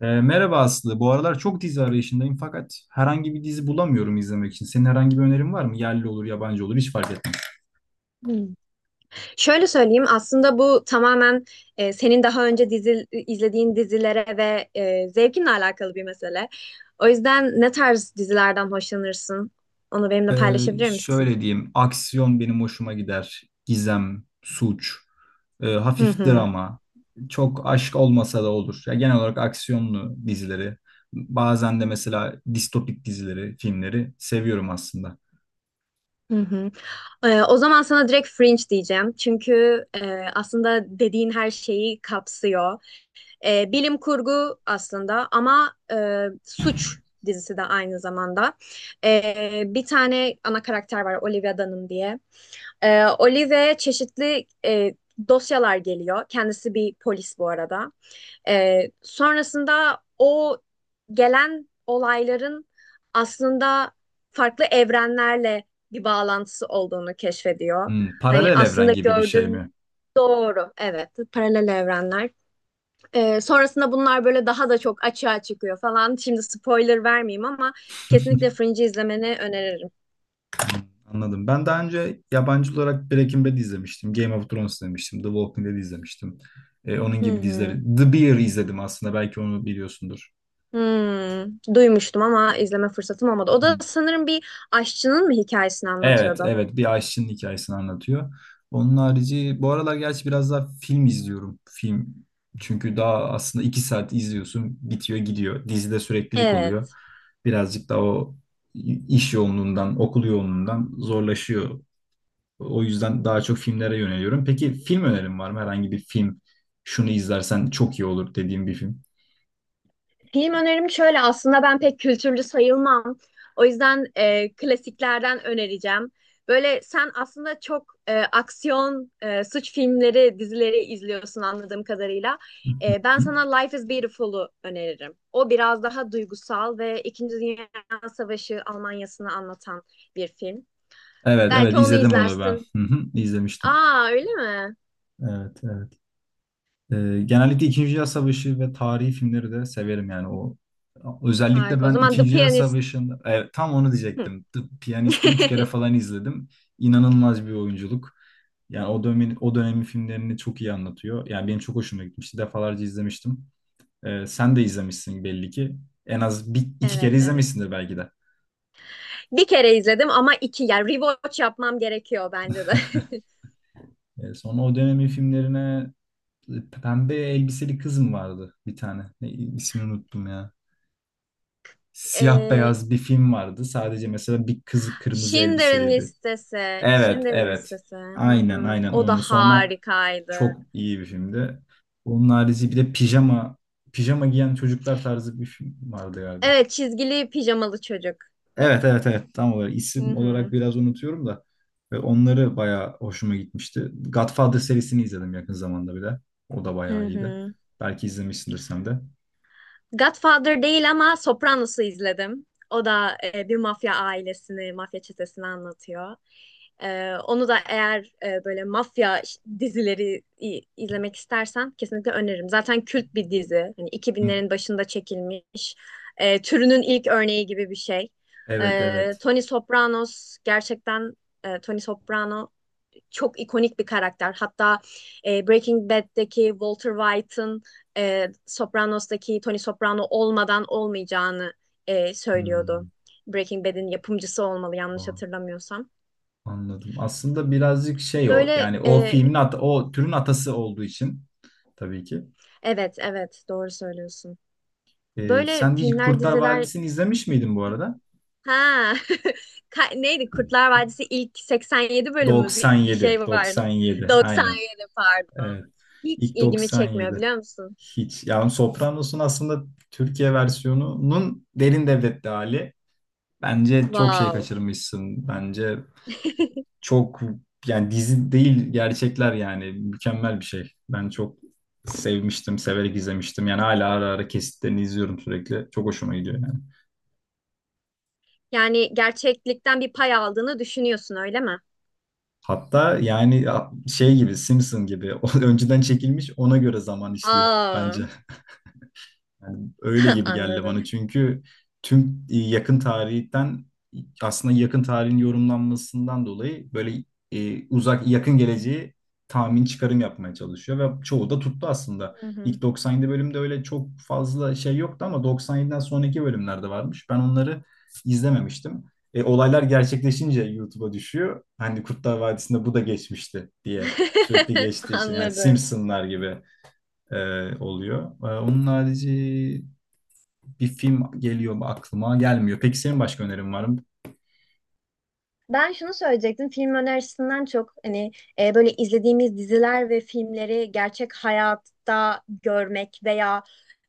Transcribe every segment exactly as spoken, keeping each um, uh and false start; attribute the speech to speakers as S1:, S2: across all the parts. S1: Ee, merhaba Aslı. Bu aralar çok dizi arayışındayım fakat herhangi bir dizi bulamıyorum izlemek için. Senin herhangi bir önerin var mı? Yerli olur, yabancı olur hiç fark etmez.
S2: Hmm. Şöyle söyleyeyim, aslında bu tamamen e, senin daha önce dizi, izlediğin dizilere ve e, zevkinle alakalı bir mesele. O yüzden ne tarz dizilerden hoşlanırsın? Onu benimle
S1: Ee,
S2: paylaşabilir misin?
S1: şöyle diyeyim. Aksiyon benim hoşuma gider. Gizem, suç, e,
S2: Hı
S1: hafif
S2: hı.
S1: drama. Çok aşk olmasa da olur. Ya genel olarak aksiyonlu dizileri, bazen de mesela distopik dizileri, filmleri seviyorum aslında.
S2: Hı hı. E, o zaman sana direkt Fringe diyeceğim. Çünkü e, aslında dediğin her şeyi kapsıyor. E, bilim kurgu aslında, ama e, suç dizisi de aynı zamanda. E, bir tane ana karakter var, Olivia Dunham diye. E, Olivia'ya çeşitli e, dosyalar geliyor. Kendisi bir polis bu arada. E, sonrasında o gelen olayların aslında farklı evrenlerle bir bağlantısı olduğunu keşfediyor.
S1: Hmm,
S2: Hani
S1: paralel evren
S2: aslında
S1: gibi bir şey
S2: gördüğüm
S1: mi?
S2: doğru, evet, paralel evrenler. Ee, sonrasında bunlar böyle daha da çok açığa çıkıyor falan. Şimdi spoiler vermeyeyim, ama kesinlikle Fringe'i izlemeni öneririm.
S1: Hmm, anladım. Ben daha önce yabancı olarak Breaking Bad izlemiştim. Game of Thrones izlemiştim. The Walking Dead izlemiştim. E, onun
S2: Hı
S1: gibi dizileri.
S2: hı.
S1: The Bear izledim aslında. Belki onu biliyorsundur.
S2: Hmm. Duymuştum ama izleme fırsatım olmadı. O da sanırım bir aşçının mı hikayesini
S1: Evet,
S2: anlatıyordu?
S1: evet. Bir aşçının hikayesini anlatıyor. Onun harici bu aralar gerçi biraz daha film izliyorum. Film. Çünkü daha aslında iki saat izliyorsun. Bitiyor gidiyor. Dizide süreklilik oluyor.
S2: Evet.
S1: Birazcık da o iş yoğunluğundan, okul yoğunluğundan zorlaşıyor. O yüzden daha çok filmlere yöneliyorum. Peki film önerin var mı? Herhangi bir film, şunu izlersen çok iyi olur dediğim bir film.
S2: Film önerim şöyle, aslında ben pek kültürlü sayılmam. O yüzden e, klasiklerden önereceğim. Böyle sen aslında çok e, aksiyon, e, suç filmleri, dizileri izliyorsun anladığım kadarıyla. E, ben
S1: Hı?
S2: sana Life is Beautiful'u öneririm. O biraz daha duygusal ve İkinci Dünya Savaşı Almanya'sını anlatan bir film.
S1: Evet
S2: Belki
S1: evet
S2: onu
S1: izledim onu ben.
S2: izlersin.
S1: Hı hı, izlemiştim.
S2: Aa, öyle mi?
S1: Evet evet. Ee, genellikle İkinci Dünya Savaşı ve tarihi filmleri de severim yani o. Özellikle
S2: Harika. O
S1: ben
S2: zaman The
S1: İkinci Dünya
S2: Pianist.
S1: Savaşı'nda evet, tam onu
S2: Hı.
S1: diyecektim. The Piyanist'i üç kere falan izledim. İnanılmaz bir oyunculuk. Yani o dönemin o dönemin filmlerini çok iyi anlatıyor. Yani benim çok hoşuma gitmişti. Defalarca izlemiştim. Ee, sen de izlemişsin belli ki. En az bir, iki kere
S2: Evet, evet.
S1: izlemişsindir belki de.
S2: Bir kere izledim, ama iki, yani rewatch yapmam gerekiyor bence de.
S1: Ee, sonra o dönemin filmlerine, e, Pembe Elbiseli Kız mı vardı bir tane? Ne, ismini unuttum ya. Siyah
S2: Ee,
S1: beyaz bir film vardı. Sadece mesela bir kız kırmızı
S2: Schindler'in
S1: elbiseliydi.
S2: listesi.
S1: Evet,
S2: Schindler'in
S1: evet.
S2: listesi. Hı
S1: Aynen,
S2: hı.
S1: aynen
S2: O da
S1: onu. Sonra
S2: harikaydı.
S1: çok iyi bir filmdi. Onun harici bir de pijama, pijama giyen çocuklar tarzı bir film vardı galiba.
S2: Evet, çizgili pijamalı çocuk.
S1: Evet evet evet, tam olarak
S2: Hı
S1: isim olarak
S2: hı.
S1: biraz unutuyorum da ve onları bayağı hoşuma gitmişti. Godfather serisini izledim yakın zamanda bile. O da bayağı
S2: Hı
S1: iyiydi.
S2: hı.
S1: Belki izlemişsindir sen de.
S2: Godfather değil, ama Sopranos'u izledim. O da e, bir mafya ailesini, mafya çetesini anlatıyor. E, onu da eğer e, böyle mafya ş- dizileri i- izlemek istersen kesinlikle öneririm. Zaten kült bir dizi. Hani
S1: Hı.
S2: iki binlerin başında çekilmiş. E, türünün ilk örneği gibi bir şey.
S1: Evet
S2: E,
S1: evet.
S2: Tony Sopranos, gerçekten e, Tony Soprano çok ikonik bir karakter. Hatta e, Breaking Bad'deki Walter White'ın e, Sopranos'taki Tony Soprano olmadan olmayacağını e, söylüyordu.
S1: Hmm,
S2: Breaking Bad'in yapımcısı olmalı, yanlış
S1: tamam.
S2: hatırlamıyorsam.
S1: Anladım. Aslında birazcık şey o
S2: Böyle
S1: yani o
S2: e,
S1: filmin at o türün atası olduğu için tabii ki.
S2: evet, evet, doğru söylüyorsun.
S1: Ee,
S2: Böyle
S1: sen hiç
S2: filmler,
S1: Kurtlar
S2: diziler,
S1: Vadisi'ni izlemiş miydin bu arada?
S2: ha. Ka- neydi Kurtlar Vadisi ilk seksen yedi bölümü, bir, bir
S1: doksan yedi,
S2: şey vardı.
S1: doksan yedi aynen.
S2: doksan yedi, pardon.
S1: Evet.
S2: Hiç
S1: İlk
S2: ilgimi çekmiyor,
S1: doksan yedi.
S2: biliyor musun?
S1: Hiç. Yani Sopranos'un aslında Türkiye versiyonunun derin devletli hali. Bence çok şey
S2: Wow.
S1: kaçırmışsın. Bence çok, yani dizi değil gerçekler yani mükemmel bir şey. Ben çok sevmiştim, severek izlemiştim. Yani hala ara ara kesitlerini izliyorum sürekli. Çok hoşuma gidiyor yani.
S2: Yani gerçeklikten bir pay aldığını düşünüyorsun, öyle mi?
S1: Hatta yani şey gibi, Simpson gibi o önceden çekilmiş, ona göre zaman işliyor
S2: Aa,
S1: bence. Yani öyle gibi geldi
S2: anladım.
S1: bana çünkü tüm e, yakın tarihten, aslında yakın tarihin yorumlanmasından dolayı böyle e, uzak yakın geleceği tahmin, çıkarım yapmaya çalışıyor ve çoğu da tuttu aslında.
S2: Hı hı.
S1: İlk doksan yedi bölümde öyle çok fazla şey yoktu ama doksan yediden sonraki bölümlerde varmış. Ben onları izlememiştim. E, olaylar gerçekleşince YouTube'a düşüyor. Hani Kurtlar Vadisi'nde bu da geçmişti diye sürekli geçtiği için yani
S2: Anladım.
S1: Simpsonlar gibi e, oluyor. E, onun harici bir film geliyor, aklıma gelmiyor. Peki senin başka önerin var mı?
S2: Ben şunu söyleyecektim. Film önerisinden çok, hani e, böyle izlediğimiz diziler ve filmleri gerçek hayatta görmek veya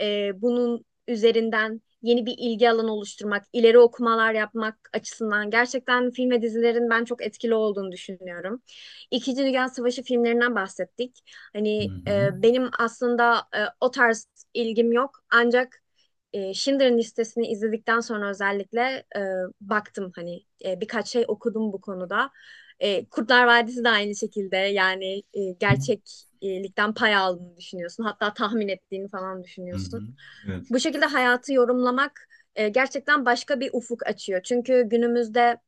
S2: e, bunun üzerinden yeni bir ilgi alanı oluşturmak, ileri okumalar yapmak açısından gerçekten film ve dizilerin ben çok etkili olduğunu düşünüyorum. İkinci Dünya Savaşı filmlerinden bahsettik.
S1: Hı
S2: Hani
S1: hı.
S2: e, benim aslında e, o tarz ilgim yok, ancak e, Schindler'ın listesini izledikten sonra özellikle e, baktım, hani e, birkaç şey okudum bu konuda. E, Kurtlar Vadisi de aynı şekilde, yani e, gerçeklikten pay aldığını düşünüyorsun. Hatta tahmin ettiğini falan
S1: Hı
S2: düşünüyorsun.
S1: hı. Evet.
S2: Bu şekilde hayatı yorumlamak e, gerçekten başka bir ufuk açıyor. Çünkü günümüzde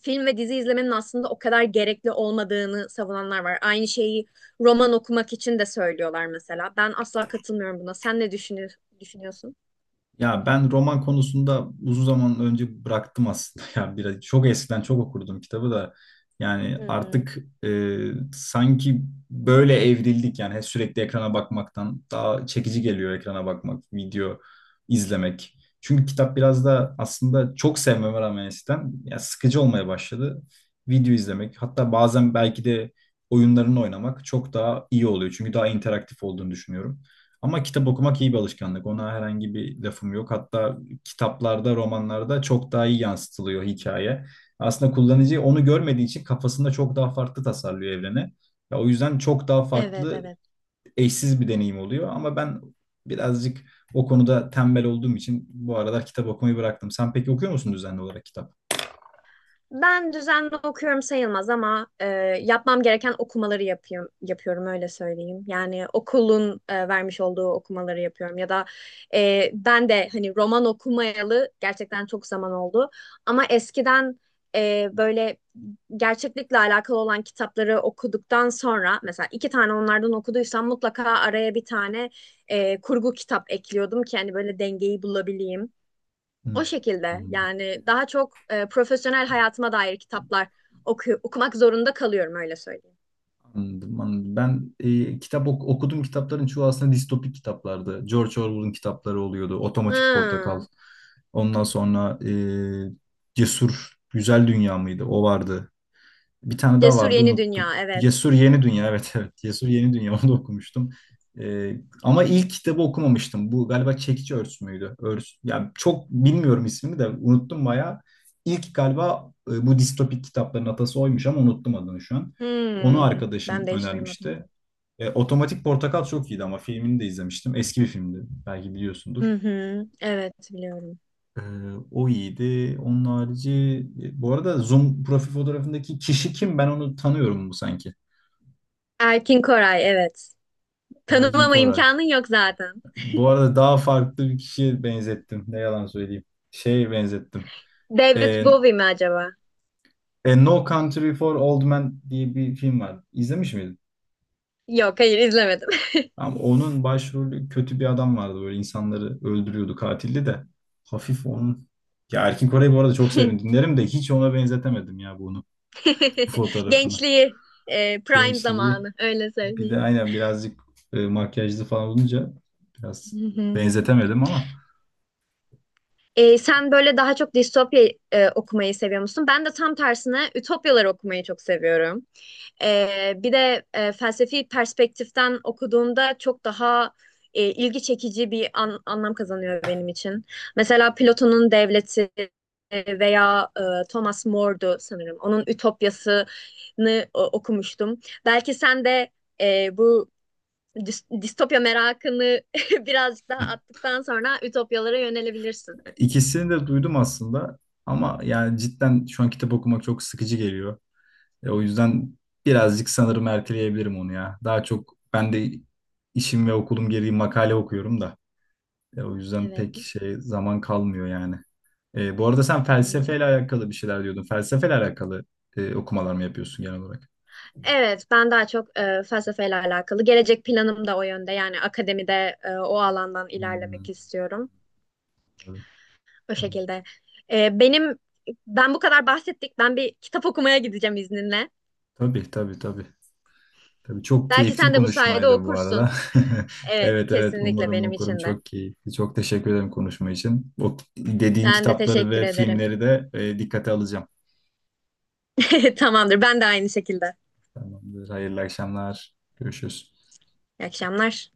S2: film ve dizi izlemenin aslında o kadar gerekli olmadığını savunanlar var. Aynı şeyi roman okumak için de söylüyorlar mesela. Ben asla katılmıyorum buna. Sen ne düşünü- düşünüyorsun?
S1: Ya ben roman konusunda uzun zaman önce bıraktım aslında. Ya biraz, çok eskiden çok okurdum kitabı da. Yani
S2: Hı hı.
S1: artık e, sanki böyle evrildik yani, hep sürekli ekrana bakmaktan daha çekici geliyor ekrana bakmak, video izlemek. Çünkü kitap biraz da aslında çok sevmeme rağmen eskiden ya sıkıcı olmaya başladı. Video izlemek, hatta bazen belki de oyunlarını oynamak çok daha iyi oluyor. Çünkü daha interaktif olduğunu düşünüyorum. Ama kitap okumak iyi bir alışkanlık. Ona herhangi bir lafım yok. Hatta kitaplarda, romanlarda çok daha iyi yansıtılıyor hikaye. Aslında kullanıcı onu görmediği için kafasında çok daha farklı tasarlıyor evreni. Ya o yüzden çok daha
S2: Evet,
S1: farklı,
S2: evet.
S1: eşsiz bir deneyim oluyor. Ama ben birazcık o konuda tembel olduğum için bu aralar kitap okumayı bıraktım. Sen peki okuyor musun düzenli olarak kitap?
S2: Ben düzenli okuyorum sayılmaz, ama e, yapmam gereken okumaları yapıyorum, yapıyorum, öyle söyleyeyim. Yani okulun e, vermiş olduğu okumaları yapıyorum, ya da e, ben de hani roman okumayalı gerçekten çok zaman oldu. Ama eskiden e, böyle gerçeklikle alakalı olan kitapları okuduktan sonra, mesela iki tane onlardan okuduysam, mutlaka araya bir tane e, kurgu kitap ekliyordum ki hani böyle dengeyi bulabileyim.
S1: Hmm,
S2: O şekilde
S1: anladım.
S2: yani daha çok e, profesyonel hayatıma dair kitaplar oku- okumak zorunda kalıyorum, öyle söyleyeyim.
S1: Anladım, anladım. Ben e, kitap ok- okudum, kitapların çoğu aslında distopik kitaplardı. George Orwell'ın kitapları oluyordu. Otomatik Portakal.
S2: Hmm.
S1: Ondan sonra e, Cesur Güzel Dünya mıydı? O vardı. Bir tane daha
S2: Cesur
S1: vardı,
S2: Yeni
S1: unuttum.
S2: Dünya, evet.
S1: Cesur Yeni Dünya evet evet. Cesur Yeni Dünya, onu da okumuştum. Ee, ama ilk kitabı okumamıştım. Bu galiba Çekici Örs müydü? Örs. Yani çok bilmiyorum, ismini de unuttum bayağı. İlk galiba e, bu distopik kitapların atası oymuş ama unuttum adını şu an. Onu
S2: Hmm.
S1: arkadaşım
S2: Ben de hiç duymadım.
S1: önermişti. E, Otomatik Portakal çok iyiydi, ama filmini de izlemiştim. Eski bir filmdi. Belki biliyorsundur.
S2: Hı hı. Evet, biliyorum.
S1: Ee, O iyiydi. Onun harici e, bu arada Zoom profil fotoğrafındaki kişi kim? Ben onu tanıyorum bu sanki.
S2: Erkin Koray, evet.
S1: Erkin
S2: Tanımama
S1: Koray.
S2: imkanın yok zaten.
S1: Bu arada daha farklı bir kişiye benzettim. Ne yalan söyleyeyim. Şeye benzettim.
S2: David
S1: Ee,
S2: Bowie mi acaba?
S1: A No Country for Old Men diye bir film var. İzlemiş miydin?
S2: Yok, hayır, izlemedim.
S1: Ama onun başrolü kötü bir adam vardı. Böyle insanları öldürüyordu, katildi de. Hafif onun. Ya Erkin Koray'ı bu arada çok severim. Dinlerim de hiç ona benzetemedim ya bunu. Bu fotoğrafını.
S2: Gençliği, e, prime
S1: Gençliği.
S2: zamanı, öyle
S1: Bir de
S2: söyleyeyim.
S1: aynen birazcık e, makyajlı falan olunca biraz
S2: Hı hı.
S1: benzetemedim ama.
S2: Ee, sen böyle daha çok distopya e, okumayı seviyor musun? Ben de tam tersine ütopyaları okumayı çok seviyorum. Ee, bir de e, felsefi perspektiften okuduğumda çok daha e, ilgi çekici bir an- anlam kazanıyor benim için. Mesela Platon'un Devleti, e, veya e, Thomas More'du sanırım, onun Ütopyası'nı e, okumuştum. Belki sen de e, bu dis- distopya merakını birazcık daha attıktan sonra ütopyalara yönelebilirsin.
S1: İkisini de duydum aslında ama yani cidden şu an kitap okumak çok sıkıcı geliyor. E, o yüzden birazcık sanırım erteleyebilirim onu ya. Daha çok ben de işim ve okulum gereği makale okuyorum da. E, o yüzden
S2: Evet.
S1: pek şey zaman kalmıyor yani. E, bu arada sen felsefeyle
S2: Anladım.
S1: alakalı bir şeyler diyordun. Felsefeyle alakalı e, okumalar mı yapıyorsun genel olarak?
S2: Evet, ben daha çok e, felsefeyle alakalı. Gelecek planım da o yönde. Yani akademide e, o alandan
S1: Hmm,
S2: ilerlemek istiyorum.
S1: anladım,
S2: O
S1: anladım.
S2: şekilde. E, benim Ben bu kadar bahsettik. Ben bir kitap okumaya gideceğim, izninle.
S1: Tabii tabii tabii. Tabii çok
S2: Belki
S1: keyifli bir
S2: sen de bu sayede
S1: konuşmaydı bu
S2: okursun.
S1: arada.
S2: Evet,
S1: Evet evet
S2: kesinlikle
S1: umarım
S2: benim
S1: okurum,
S2: için de.
S1: çok keyifli. Çok teşekkür ederim konuşma için. O dediğin
S2: Ben de
S1: kitapları
S2: teşekkür
S1: ve
S2: ederim.
S1: filmleri de e, dikkate alacağım.
S2: Tamamdır. Ben de aynı şekilde.
S1: Tamamdır. Hayırlı akşamlar. Görüşürüz.
S2: İyi akşamlar.